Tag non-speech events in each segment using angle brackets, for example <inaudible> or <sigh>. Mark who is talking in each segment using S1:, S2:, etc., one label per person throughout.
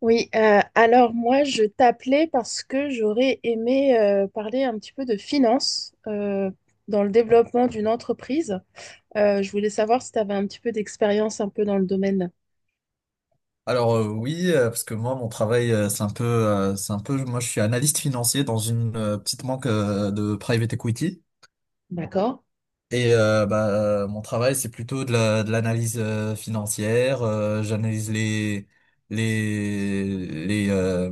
S1: Oui, alors moi je t'appelais parce que j'aurais aimé parler un petit peu de finance dans le développement d'une entreprise. Je voulais savoir si tu avais un petit peu d'expérience un peu dans le domaine.
S2: Oui, parce que moi mon travail c'est un peu, moi je suis analyste financier dans une petite banque de private equity et mon travail c'est plutôt de de l'analyse financière. Les les euh,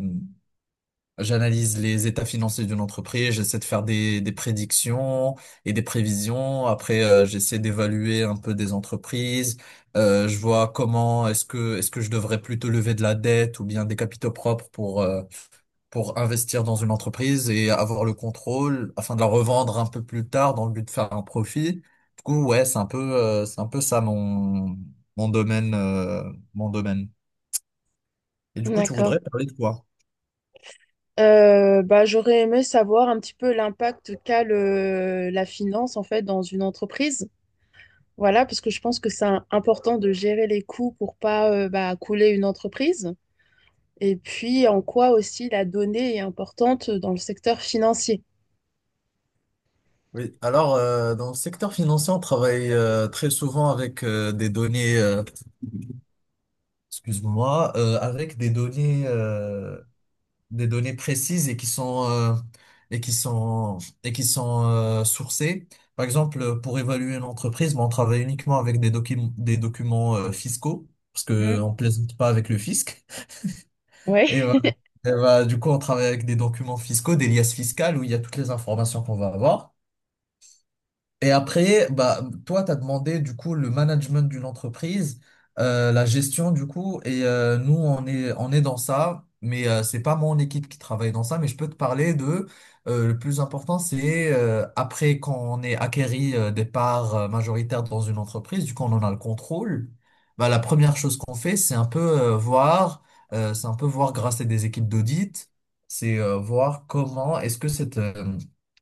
S2: J'analyse les états financiers d'une entreprise, j'essaie de faire des prédictions et des prévisions. Après, j'essaie d'évaluer un peu des entreprises. Je vois comment est-ce que je devrais plutôt lever de la dette ou bien des capitaux propres pour investir dans une entreprise et avoir le contrôle afin de la revendre un peu plus tard dans le but de faire un profit. Du coup, ouais, c'est un peu ça mon mon domaine euh, mon domaine. Et du coup, tu voudrais
S1: D'accord.
S2: parler de quoi?
S1: Bah, j'aurais aimé savoir un petit peu l'impact qu'a la finance en fait dans une entreprise. Voilà, parce que je pense que c'est important de gérer les coûts pour pas bah, couler une entreprise. Et puis en quoi aussi la donnée est importante dans le secteur financier.
S2: Oui, alors dans le secteur financier, on travaille très souvent avec des données, excuse-moi, avec des données, des données précises et qui sont et qui sont sourcées. Par exemple, pour évaluer une entreprise, bon, on travaille uniquement avec des documents fiscaux parce que on plaisante pas avec le fisc. <laughs>
S1: Oui,
S2: Et voilà. Et voilà, du coup, on travaille avec des documents fiscaux, des liasses fiscales où il y a toutes les informations qu'on va avoir. Et après, bah, toi, tu as demandé du coup le management d'une entreprise, la gestion du coup, et nous, on est dans ça, mais c'est pas mon équipe qui travaille dans ça, mais je peux te parler de, le plus important, c'est après quand on est acquéri des parts majoritaires dans une entreprise, du coup, on en a le contrôle, bah, la première chose qu'on fait, c'est un peu c'est un peu voir grâce à des équipes d'audit, c'est voir comment est-ce que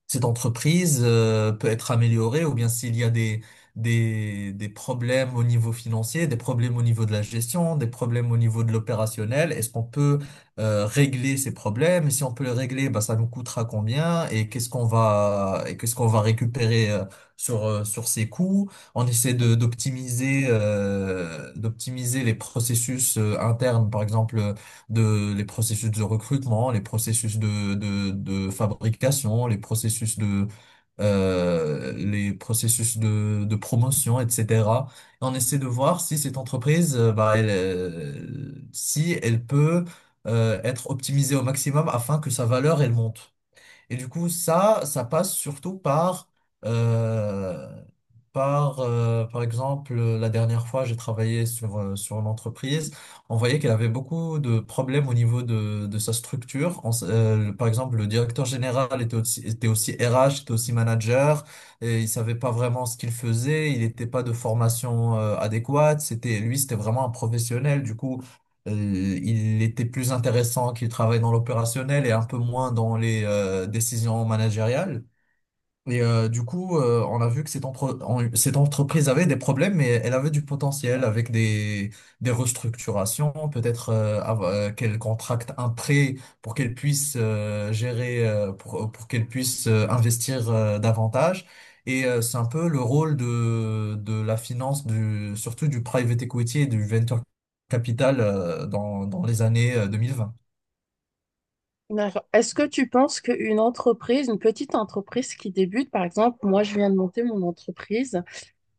S2: cette entreprise peut être améliorée ou bien s'il y a des problèmes au niveau financier, des problèmes au niveau de la gestion, des problèmes au niveau de l'opérationnel, est-ce qu'on peut régler ces problèmes? Et si on peut les régler, bah, ça nous coûtera combien? Et qu'est-ce qu'on va récupérer sur ces coûts? On essaie d'optimiser, d'optimiser les processus internes, par exemple, de les processus de recrutement, les processus de fabrication, les processus de les processus de promotion, etc. Et on essaie de voir si cette entreprise, bah, elle, si elle peut être optimisée au maximum afin que sa valeur elle monte. Et du coup, ça passe surtout euh, par exemple, la dernière fois, j'ai travaillé sur une entreprise. On voyait qu'elle avait beaucoup de problèmes au niveau de sa structure. Par exemple, le directeur général était aussi RH, était aussi manager, et il savait pas vraiment ce qu'il faisait. Il n'était pas de formation, adéquate. C'était, lui, c'était vraiment un professionnel. Du coup, il était plus intéressant qu'il travaille dans l'opérationnel et un peu moins dans les décisions managériales. Et on a vu que cette entreprise avait des problèmes, mais elle avait du potentiel avec des restructurations, peut-être qu'elle contracte un prêt pour qu'elle puisse pour qu'elle puisse investir davantage. Et c'est un peu le rôle de la finance, du, surtout du private equity et du venture capital dans les années 2020.
S1: d'accord. Est-ce que tu penses qu'une entreprise, une petite entreprise qui débute, par exemple, moi je viens de monter mon entreprise,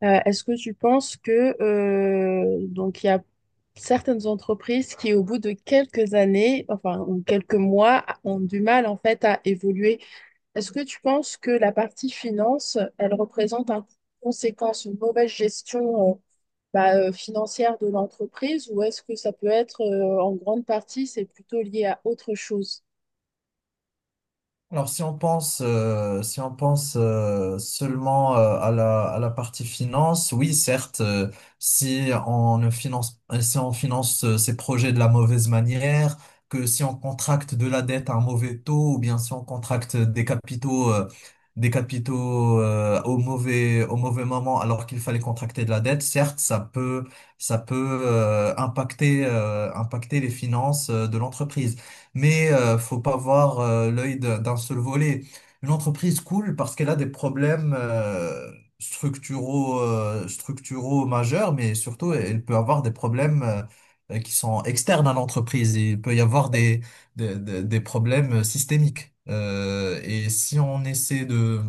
S1: est-ce que tu penses que donc il y a certaines entreprises qui, au bout de quelques années, enfin ou quelques mois, ont du mal en fait à évoluer. Est-ce que tu penses que la partie finance, elle représente un coût conséquence, une mauvaise gestion financière de l'entreprise, ou est-ce que ça peut être en grande partie, c'est plutôt lié à autre chose?
S2: Alors, si on pense, si on pense seulement à à la partie finance, oui, certes, si on ne si on finance ces projets de la mauvaise manière, que si on contracte de la dette à un mauvais taux, ou bien si on contracte des des capitaux au mauvais moment, alors qu'il fallait contracter de la dette, certes, ça peut impacter les finances de l'entreprise, mais faut pas voir l'œil d'un seul volet. Une entreprise cool parce qu'elle a des problèmes structuraux majeurs, mais surtout elle peut avoir des problèmes qui sont externes à l'entreprise. Il peut y avoir des problèmes systémiques. Et si on essaie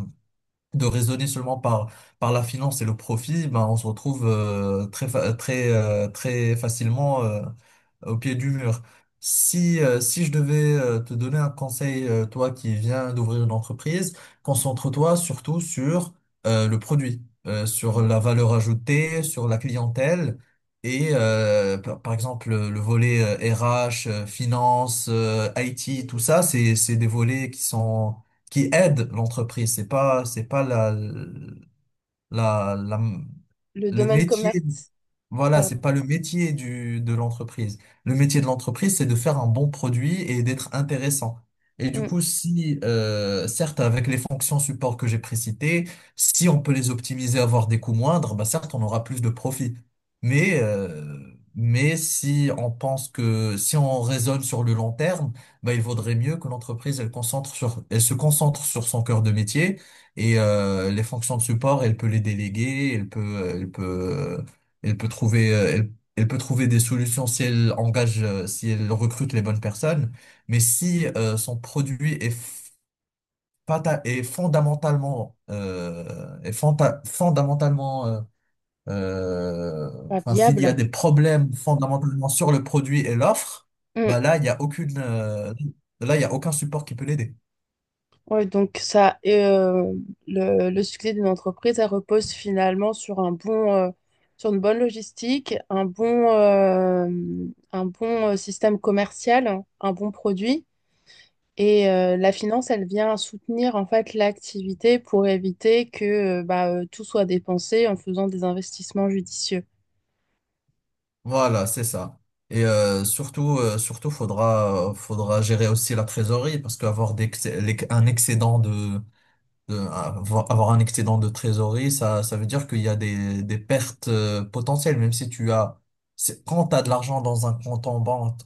S2: de raisonner seulement par la finance et le profit, ben on se retrouve très facilement au pied du mur. Si, si je devais te donner un conseil, toi qui viens d'ouvrir une entreprise, concentre-toi surtout sur le produit, sur la valeur ajoutée, sur la clientèle et par exemple le volet RH, finance, IT, tout ça, c'est des volets qui sont qui aident l'entreprise. C'est pas la
S1: Le
S2: le
S1: domaine
S2: métier.
S1: commerce,
S2: Voilà, c'est
S1: pardon.
S2: pas le métier du, de l'entreprise. Le métier de l'entreprise, c'est de faire un bon produit et d'être intéressant. Et du
S1: Mm.
S2: coup, si, certes, avec les fonctions support que j'ai précitées, si on peut les optimiser, avoir des coûts moindres, bah certes, on aura plus de profit. Mais, euh, mais si on pense que, si on raisonne sur le long terme, bah, il vaudrait mieux que l'entreprise, elle concentre sur, elle se concentre sur son cœur de métier et, les fonctions de support, elle peut les déléguer, elle peut trouver, elle peut trouver des solutions si elle engage, si elle recrute les bonnes personnes. Mais si son produit est fondamentalement, fondamentalement, euh,
S1: Pas
S2: enfin, s'il y
S1: viable.
S2: a des problèmes fondamentalement sur le produit et l'offre,
S1: Mm.
S2: bah là, il y a aucune, là, il y a aucun support qui peut l'aider.
S1: Ouais, donc ça, et, le succès d'une entreprise, elle repose finalement sur un sur une bonne logistique, un un bon système commercial, un bon produit. Et la finance, elle vient soutenir en fait l'activité pour éviter que tout soit dépensé en faisant des investissements judicieux.
S2: Voilà, c'est ça. Et surtout, faudra gérer aussi la trésorerie parce qu'avoir des, un excédent de avoir un excédent de trésorerie, ça veut dire qu'il y a des pertes potentielles, même si tu as, quand tu as de l'argent dans un compte en banque,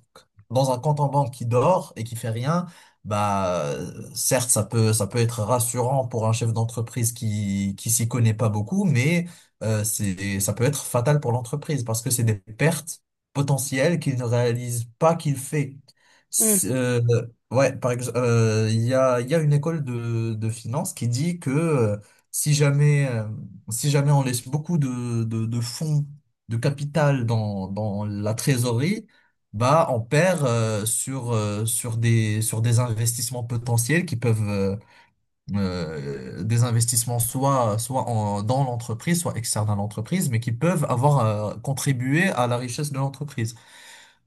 S2: dans un compte en banque qui dort et qui fait rien, bah, certes, ça peut être rassurant pour un chef d'entreprise qui s'y connaît pas beaucoup, mais ça peut être fatal pour l'entreprise parce que c'est des pertes potentielles qu'il ne réalise pas qu'il fait. C'est- euh, Ouais, par exemple, il y a une école de finance qui dit que si jamais, si jamais on laisse beaucoup de fonds, de capital dans la trésorerie, bah on perd sur des investissements potentiels qui peuvent des investissements soit dans l'entreprise, soit externes à l'entreprise, mais qui peuvent avoir contribué à la richesse de l'entreprise.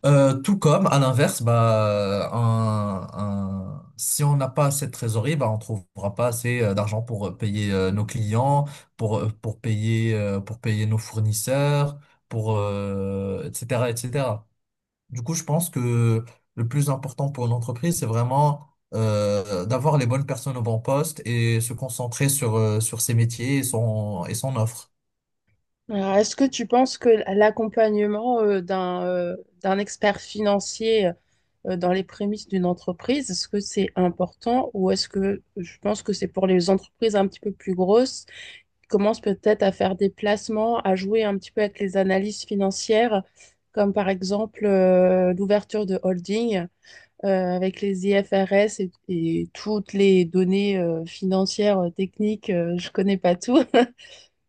S2: Tout comme, à l'inverse, bah, si on n'a pas assez de trésorerie, bah, on trouvera pas assez d'argent pour payer nos clients, pour, pour payer nos fournisseurs, pour, etc., etc. Du coup, je pense que le plus important pour une entreprise, c'est vraiment d'avoir les bonnes personnes au bon poste et se concentrer sur, sur ses métiers et son offre.
S1: Alors, est-ce que tu penses que l'accompagnement d'un d'un expert financier dans les prémices d'une entreprise, est-ce que c'est important ou est-ce que je pense que c'est pour les entreprises un petit peu plus grosses qui commencent peut-être à faire des placements, à jouer un petit peu avec les analyses financières, comme par exemple l'ouverture de holding avec les IFRS et toutes les données financières, techniques, je connais pas tout. <laughs>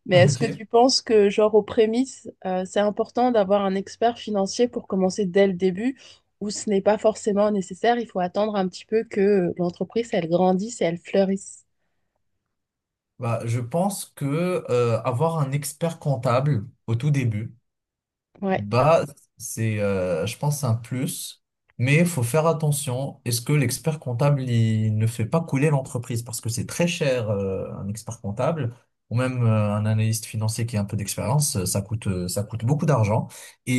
S1: Mais est-ce que
S2: Ok.
S1: tu penses que, genre, aux prémices, c'est important d'avoir un expert financier pour commencer dès le début, ou ce n'est pas forcément nécessaire, il faut attendre un petit peu que l'entreprise, elle grandisse et elle fleurisse.
S2: Bah, je pense que avoir un expert comptable au tout début,
S1: Ouais.
S2: bah, c'est, je pense, un plus, mais il faut faire attention. Est-ce que l'expert comptable, il ne fait pas couler l'entreprise? Parce que c'est très cher, un expert comptable, ou même un analyste financier qui a un peu d'expérience, ça coûte beaucoup d'argent.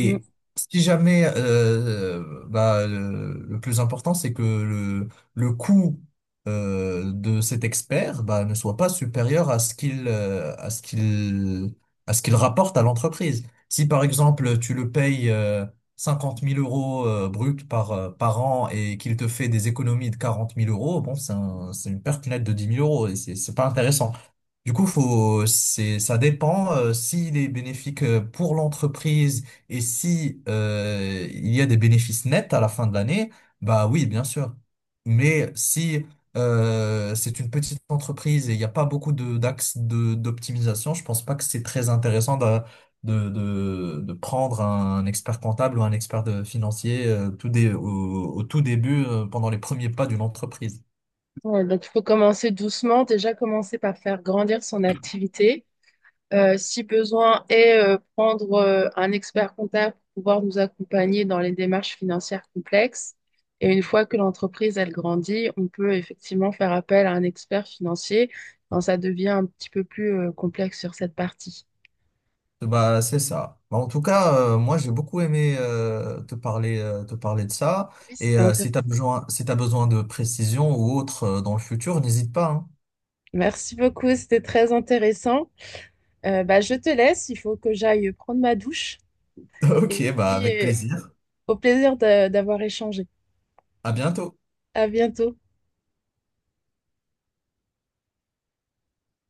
S1: Mm.
S2: si jamais, bah, le plus important, c'est que le coût de cet expert bah, ne soit pas supérieur à ce qu'il à ce qu'il rapporte à l'entreprise. Si par exemple tu le payes 50 000 euros brut par an et qu'il te fait des économies de 40 000 euros, bon, c'est une perte nette de 10 000 euros et c'est pas intéressant. Du coup, ça dépend s'il est bénéfique pour l'entreprise et si il y a des bénéfices nets à la fin de l'année, bah oui, bien sûr. Mais si c'est une petite entreprise et il n'y a pas beaucoup de, d'axes de, d'optimisation, je pense pas que c'est très intéressant de prendre un expert comptable ou un financier au tout début, pendant les premiers pas d'une entreprise.
S1: Ouais, donc, il faut commencer doucement, déjà commencer par faire grandir son activité. Euh, si besoin, et prendre un expert comptable pour pouvoir nous accompagner dans les démarches financières complexes. Et une fois que l'entreprise, elle grandit, on peut effectivement faire appel à un expert financier quand ça devient un petit peu plus complexe sur cette partie.
S2: Bah, c'est ça. Bah, en tout cas, moi, j'ai beaucoup aimé te parler de ça.
S1: Oui,
S2: Et
S1: c'était
S2: si tu as
S1: intéressant.
S2: besoin, si tu besoin de précision ou autre dans le futur, n'hésite pas, hein.
S1: Merci beaucoup, c'était très intéressant. Bah, je te laisse, il faut que j'aille prendre ma douche.
S2: <laughs> Ok,
S1: Et
S2: bah,
S1: puis,
S2: avec plaisir.
S1: au d'avoir échangé.
S2: À bientôt.
S1: À bientôt.